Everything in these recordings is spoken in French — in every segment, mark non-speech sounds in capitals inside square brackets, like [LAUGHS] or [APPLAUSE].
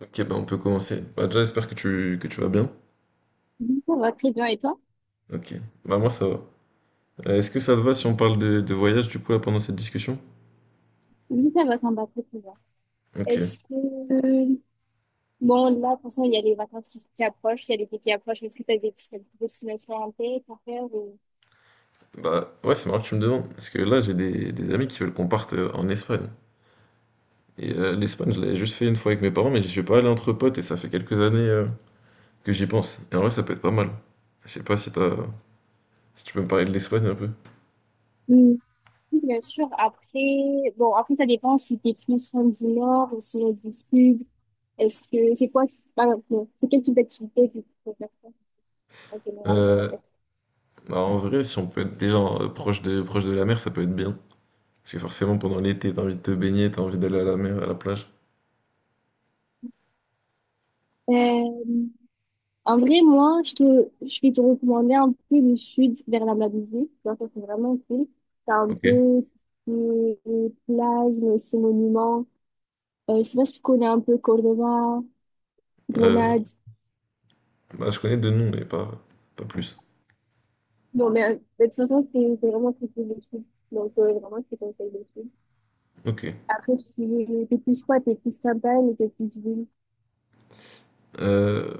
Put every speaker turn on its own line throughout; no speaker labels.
Ok, bah on peut commencer. Bah déjà, j'espère que tu vas bien.
Oui, ça va très bien. Et toi?
Ok, bah moi ça va. Est-ce que ça te va si on parle de voyage du coup là pendant cette discussion?
Oui, ça va, ça me va très très bien.
Ok,
Est-ce que... euh, Bon, là, de toute façon, il y a les vacances qui approchent, il y a l'été qui approche. Est-ce que tu as des petites destinations en tête à faire ou-
bah ouais, c'est marrant que tu me demandes. Parce que là, j'ai des amis qui veulent qu'on parte en Espagne. Et l'Espagne, je l'avais juste fait une fois avec mes parents, mais j'y suis pas allé entre potes et ça fait quelques années que j'y pense. Et en vrai, ça peut être pas mal. Je sais pas si tu peux me parler de l'Espagne un peu.
Mm. Oui, bien sûr, Bon, après, ça dépend si t'es plus fan du nord ou sinon du sud. Est-ce que... C'est quoi... qui- Par C'est quel type d'activité que tu préfères faire en général?
Euh, bah, en vrai, si on peut être déjà proche de la mer, ça peut être bien. Parce que forcément, pendant l'été, t'as envie de te baigner, t'as envie d'aller à la mer, à la plage.
Euh, En vrai, moi, je vais te recommander un peu le sud vers la Malaisie. Donc, ça, c'est vraiment cool. T'as un
Ok.
peu les plages, mais aussi monuments. Je sais pas si tu connais un peu Cordoba,
Euh,
Grenade.
bah, je connais deux noms, pas plus.
Bon, mais de toute façon, c'est vraiment très cool le sud. Donc, vraiment, je te conseille le sud.
Ok.
Après, si t'es plus quoi, t'es plus campagne ou t'es plus ville.
Euh,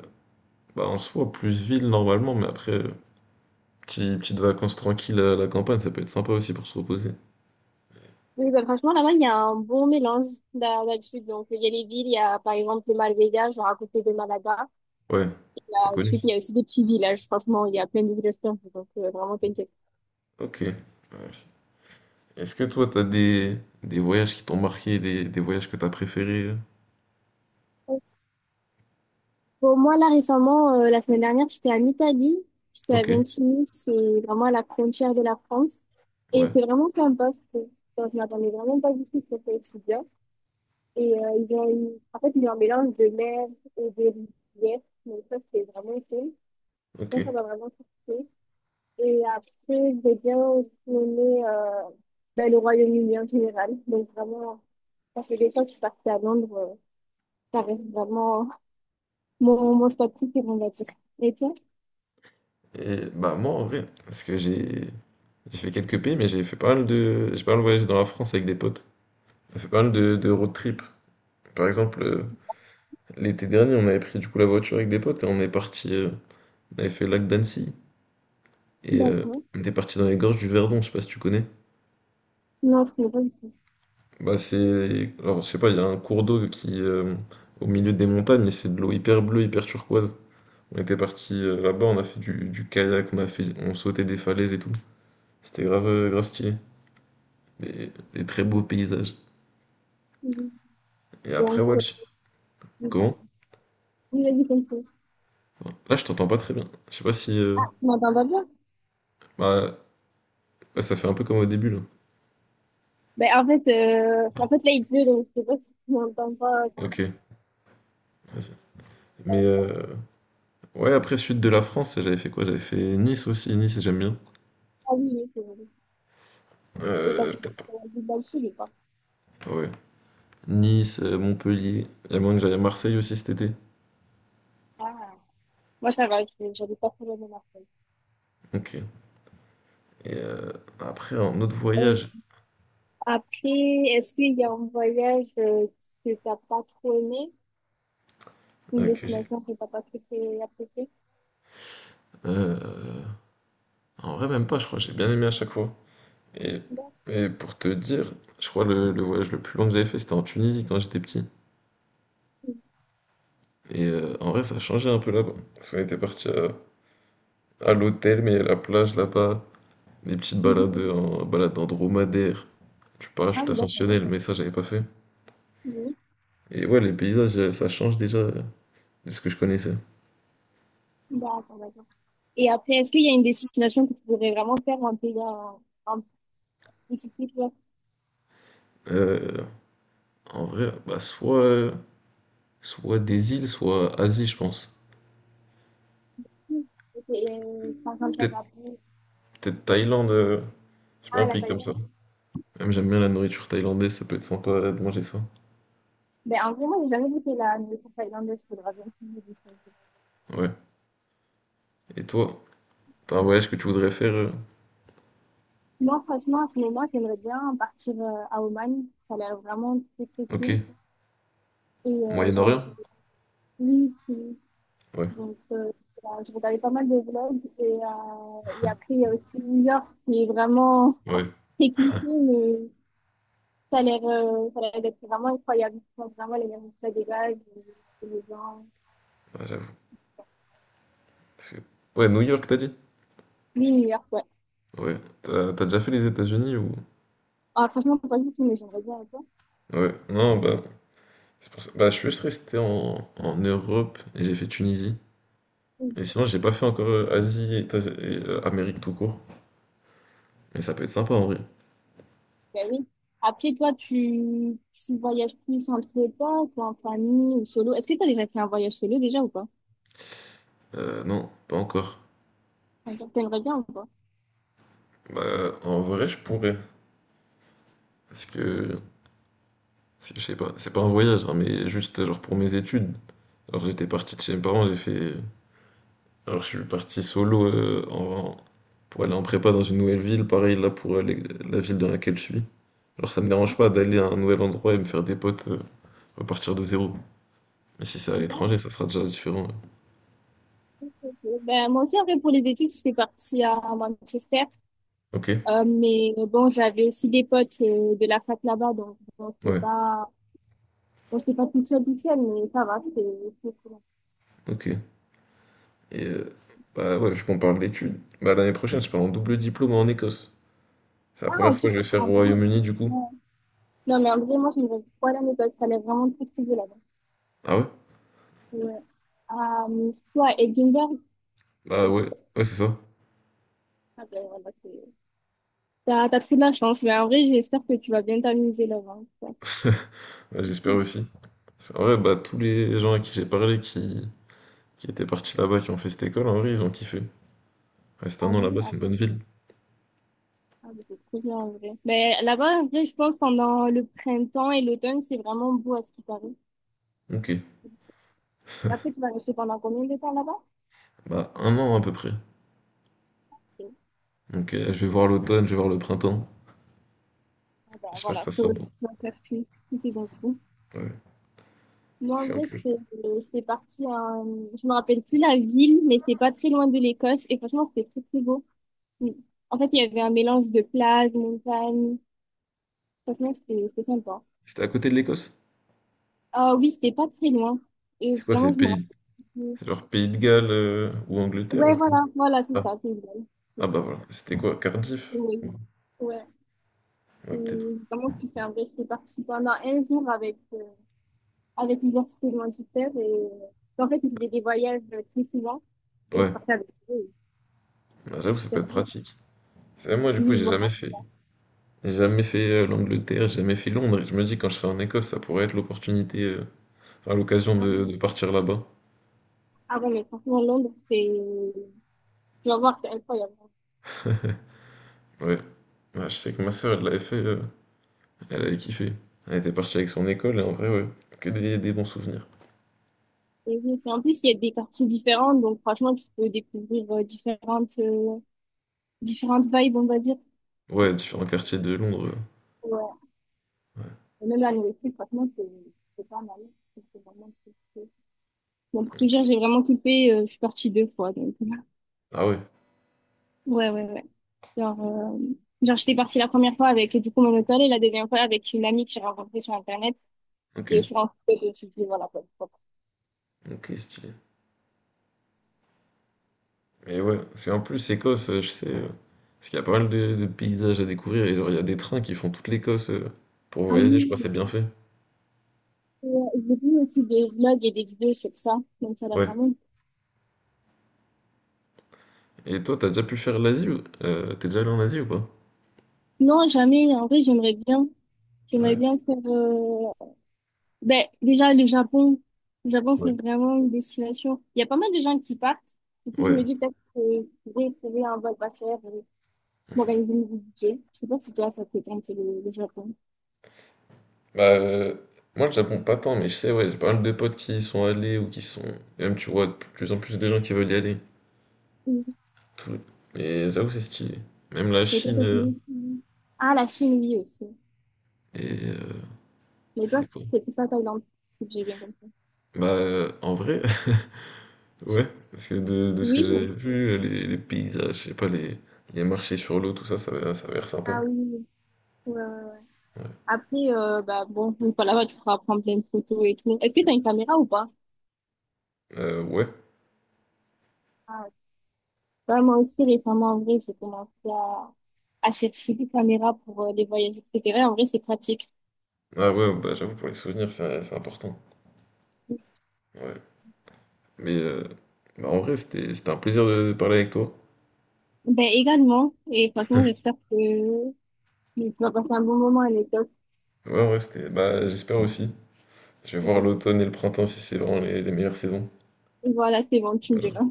bah, en soi, plus ville normalement, mais après, petite vacances tranquille à la campagne, ça peut être sympa aussi pour se reposer.
Oui, bah, franchement, là-bas, il y a un bon mélange là-dessus. Donc, il y a les villes, il y a par exemple le Marbella, genre à côté de Malaga.
Ouais, c'est connu,
Ensuite,
ça.
il y a aussi des petits villages. Franchement, il y a plein de villages perdus, donc vraiment t'inquiète.
Ok. Ouais, c'est- Est-ce que toi, t'as des voyages qui t'ont marqué, des voyages que t'as préférés?
Pour moi, là, récemment, la semaine dernière, j'étais en Italie. J'étais à
Ok.
Ventimille, c'est vraiment à la frontière de la France. Et
Ouais,
c'est vraiment sympa, je trouve. Enfin, je m'attendais vraiment pas du tout que ça soit aussi bien. Ils ont en fait, ils ont un mélange de mer et de rivière. Donc ça, c'est vraiment cool. Ça,
ok.
ça m'a vraiment surpris. Et après, j'ai bien aussi aimé ben, le Royaume-Uni en général. Donc vraiment, ça fait des fois que je suis partie à Londres, ça reste vraiment mon spot préféré, on va dire. Et toi?
Et bah, moi, en vrai, parce que j'ai fait quelques pays, mais j'ai fait pas mal de, j'ai pas mal voyagé dans la France avec des potes. J'ai fait pas mal de road trip. Par exemple, l'été dernier, on avait pris du coup la voiture avec des potes et on est parti. On avait fait le lac d'Annecy et
D'accord.
on était parti dans les gorges du Verdon, je sais pas si tu connais.
Non, je connais pas du tout.
Bah c'est. Alors je sais pas, il y a un cours d'eau qui au milieu des montagnes et c'est de l'eau hyper bleue, hyper turquoise. On était parti là-bas, on a fait du kayak, on sautait des falaises et tout. C'était grave stylé. des très beaux paysages.
Mhm.
Et après,
Donc,
ouais,
oui,
comment?
pardon. Oui, vas-y, continue.
Là, je t'entends pas très bien. Je sais pas si.
Ah, tu m'entends pas bien?
Bah, ouais, ça fait un peu comme au début là.
Ben, en fait, là, il pleut, donc je sais pas si tu m'entends pas.
Ok, vas-y. Mais
euh,
ouais, après sud de la France, j'avais fait quoi? J'avais fait Nice aussi. Nice, j'aime bien.
ah oui, oui, c'est bon. Et t'as fait
Peut-être
des belles filles, quoi.
pas. Ouais. Nice, Montpellier. Il y a moyen que j'aille à Marseille aussi cet été.
Ah. Moi, ça va, je- j'avais pas trop de Marseille.
Ok. Et euh, après, un autre voyage
Après, est-ce qu'il y a un voyage que t'as pas trop aimé? Une
que j'ai.
destination que t'as pas trop appréciée?
Euh, en vrai, même pas, je crois. J'ai bien aimé à chaque fois. Et,
D'accord.
et pour te dire, je crois le voyage le plus long que j'avais fait, c'était en Tunisie quand j'étais petit. Et en vrai, ça a changé un peu là-bas. Parce qu'on était parti à l'hôtel, mais il y a la plage là-bas. Des petites
Mhm.
balades en balade en dromadaire, du
Ah
parachute
oui, d'accord.
ascensionnel, mais ça j'avais pas fait.
Oui.
Et ouais, les paysages, ça change déjà de ce que je connaissais.
D'accord, d'accord. Et après, est-ce qu'il y a une destination que tu voudrais vraiment faire un pays en spécifique, là?
Euh, en vrai, bah soit des îles, soit Asie, je pense.
Mm. Ok, par exemple,
Peut-être
Singapour.
peut-être Thaïlande, je sais pas,
Ah,
un
la
pays comme ça.
Thaïlande.
Même j'aime bien la nourriture thaïlandaise, ça peut être sympa de manger ça.
Ben, en vrai, moi, j'ai jamais goûté la nourriture thaïlandaise. Faudra bien que je me dise.
Ouais. Et toi, t'as un voyage que tu voudrais faire
Moi, franchement, à ce moment, j'aimerais bien partir à Oman. Ça a l'air vraiment très, très
Ok.
cool. Et je regarde.
Moyen-Orient?
Oui, oui.
Ouais,
Donc voilà, je regardais pas mal de vlogs et après il y a aussi New York qui est vraiment
ouais,
[LAUGHS] très cliché mais ça a l'air d'être vraiment incroyable. Ils font vraiment les mêmes plats des vagues, et les gens.
bah, j'avoue. Parce que- Ouais, New York, t'as dit?
Oui, New York, ouais.
Ouais. T'as déjà fait les États-Unis ou...
Ah, franchement, faut pas du tout, mais j'aimerais bien un peu.
Ouais, non, bah, bah, je suis juste resté en Europe et j'ai fait Tunisie.
Oui.
Et sinon, j'ai pas fait encore Asie et Amérique tout court. Mais ça peut être sympa en vrai.
Ben oui. Après toi, tu voyages plus entre potes ou en famille ou solo. Est-ce que tu as déjà fait un voyage solo déjà ou pas?
Non, pas encore.
T'aimerais bien ou pas?
Bah, en vrai, je pourrais. Parce que, parce que je sais pas, c'est pas un voyage, hein, mais juste genre pour mes études. Alors, j'étais parti de chez mes parents, j'ai fait. Alors, je suis parti solo pour aller en prépa dans une nouvelle ville. Pareil, là, la ville dans laquelle je suis. Alors, ça me dérange pas d'aller à un nouvel endroit et me faire des potes. On va partir de zéro. Mais si c'est à
D'accord,
l'étranger, ça sera déjà différent. Ouais.
ok. Ben, moi aussi, après, pour les études, j'étais partie à Manchester.
Ok,
Mais bon, j'avais aussi des potes de la fac là-bas, donc
ouais,
bon, c'est pas toute seule, toute seule, mais ça va, c'est cool.
ok. Et bah ouais, vu qu'on parle d'études, bah l'année prochaine, je pars en double diplôme en Écosse. C'est la
Ah,
première
ok,
fois que je vais faire
en
au
vrai,
Royaume-Uni du coup.
ouais. Non, mais en vrai, moi, je me dis pas l'année parce que ça allait vraiment très, très bien là-bas.
Ah ouais?
Ouais. Ah, mais toi, Edinburgh,
Bah
donc,
ouais, ouais, c'est ça.
ah, ben, voilà, t'as trop de la chance, mais en vrai, j'espère que tu vas bien t'amuser là-bas, quoi.
Ouais, j'espère aussi. Parce qu'en vrai, bah tous les gens à qui j'ai parlé qui étaient partis là-bas, qui ont fait cette école, en vrai, ils ont kiffé. Rester
Ah
un an
oui,
là-bas, c'est une bonne ville.
ah bah, c'est trop bien en vrai. Mais là-bas, en vrai, je pense pendant le printemps et l'automne, c'est vraiment beau à ce qui paraît.
Ok,
Et après, tu vas rester pendant combien de temps là-bas?
bah un an à peu près.
Ok.
Donc je vais
Ok.
voir l'automne, je vais voir le printemps.
Ah ben,
J'espère que
voilà,
ça
tu
sera
tu
bon.
vas faire toutes ces infos.
Ouais,
Moi,
parce
en
qu'en
vrai,
plus,
c'est parti en... Je me rappelle plus la ville, mais c'était pas très loin de l'Écosse. Et franchement, c'était très, très beau. Mm. En fait, il y avait un mélange de plage, montagne. Franchement, c'était sympa.
c'était à côté de l'Écosse?
Ah oui, c'était pas très loin. Et
C'est quoi,
vraiment,
c'est
je me rappelle
pays...
plus.
C'est genre Pays de Galles ou Angleterre, un
Ouais,
truc comme ça.
voilà, voilà, c'est
Ah,
ça, c'est idéal. C'est
ah,
ça.
bah voilà, c'était quoi, Cardiff?
Oui.
Ouais,
Ouais.
ouais, peut-être.
Et vraiment, tu fais un vrai... J'étais partie pendant un jour avec l'université de Manchester. Et en fait, ils faisaient des voyages très souvent et je
Ouais,
partais avec eux.
bah, j'avoue, ça
Et
peut être
franchement.
pratique. C'est vrai, moi, du coup,
Oui,
j'ai
voilà.
jamais fait. J'ai jamais fait l'Angleterre, j'ai jamais fait Londres. Et je me dis, quand je serai en Écosse, ça pourrait être l'opportunité, enfin, l'occasion
Ah
de,
oui,
de partir là-bas.
ah ouais, mais franchement, Londres, c'est. Tu vas voir, c'est incroyable.
Ouais. Bah, je sais que ma sœur, elle l'avait fait, elle avait kiffé. Elle était partie avec son école, et en vrai, ouais, que des bons souvenirs.
Et oui, et en plus, il y a des quartiers différents, donc franchement, tu peux découvrir différentes, différentes vibes, on va dire. Donc,
Ouais, différents quartiers de Londres.
ouais.
Ouais.
Et même la nourriture, franchement, c'est pas mal. C'est vraiment très, très- Bon, pour tout dire, j'ai vraiment kiffé. Je suis partie deux fois, donc. [LAUGHS]
Ah ouais,
Ouais, ouais, ouais. Genre, euh, genre, j'étais partie la première fois avec du coup mon hôtel et la deuxième fois avec une amie que j'ai rencontrée sur Internet.
ok.
Et je suis rentrée et je me suis dit, voilà, quoi, pourquoi pas.
Ok, stylé. Et ouais, parce qu'en plus, Écosse, je sais, parce qu'il y a pas mal de paysages à découvrir, et genre, il y a des trains qui font toute l'Écosse pour
Ah
voyager, je crois, que
oui,
c'est bien fait.
j'ai vu aussi des vlogs et des vidéos sur ça. Donc ça a l'air
Ouais.
vraiment cool.
Et toi, t'as déjà pu faire l'Asie ou... t'es déjà allé en Asie ou pas?
Non, jamais. En vrai, j'aimerais bien. J'aimerais
Ouais,
bien faire... Ben, déjà, le Japon. Le Japon, c'est
ouais,
vraiment une destination. Il y a pas mal de gens qui partent. Du coup, je
ouais.
me dis peut-être que je vais trouver un vol pas cher et m'organiser mon budget. Je sais pas si toi, ça te tente le Japon.
Bah, moi, le Japon, pas tant, mais je sais, ouais, j'ai pas mal de potes qui y sont allés ou qui sont. Et même, tu vois, de plus en plus de gens qui veulent y aller. Tout... Et j'avoue, c'est stylé. Même la
Mais toi,
Chine.
c'est fini. Ah, la Chine, oui, aussi.
Et
Mais toi,
c'est quoi?
c'est plus la Thaïlande, si j'ai bien compris.
Bah, en vrai. [LAUGHS] Ouais, parce que de ce que
Oui,
j'avais
oui.
vu, les paysages, je sais pas, les marchés sur l'eau, tout ça, ça avait l'air sympa.
Ah oui, oui. Ouais, ouais, ouais.
Ouais.
Après, bah, bon, [LAUGHS] une fois là-bas, tu pourras prendre plein de photos et tout. Est-ce que tu as une caméra ou pas?
Ouais.
Ah, ouais. Bah, moi aussi, récemment, en vrai, j'ai commencé à chercher des caméras pour les voyages, etc. En vrai, c'est pratique.
Ah ouais, bah j'avoue, pour les souvenirs, c'est important. Ouais. Mais bah, en vrai, c'était un plaisir de parler avec toi.
Ben, également. Et franchement, j'espère que tu vas passer un bon moment avec toi.
Ouais, en vrai, c'était. Bah, j'espère aussi. Je vais voir l'automne et le printemps si c'est vraiment les meilleures saisons.
Voilà, c'est bon, tu me
Voilà.
diras.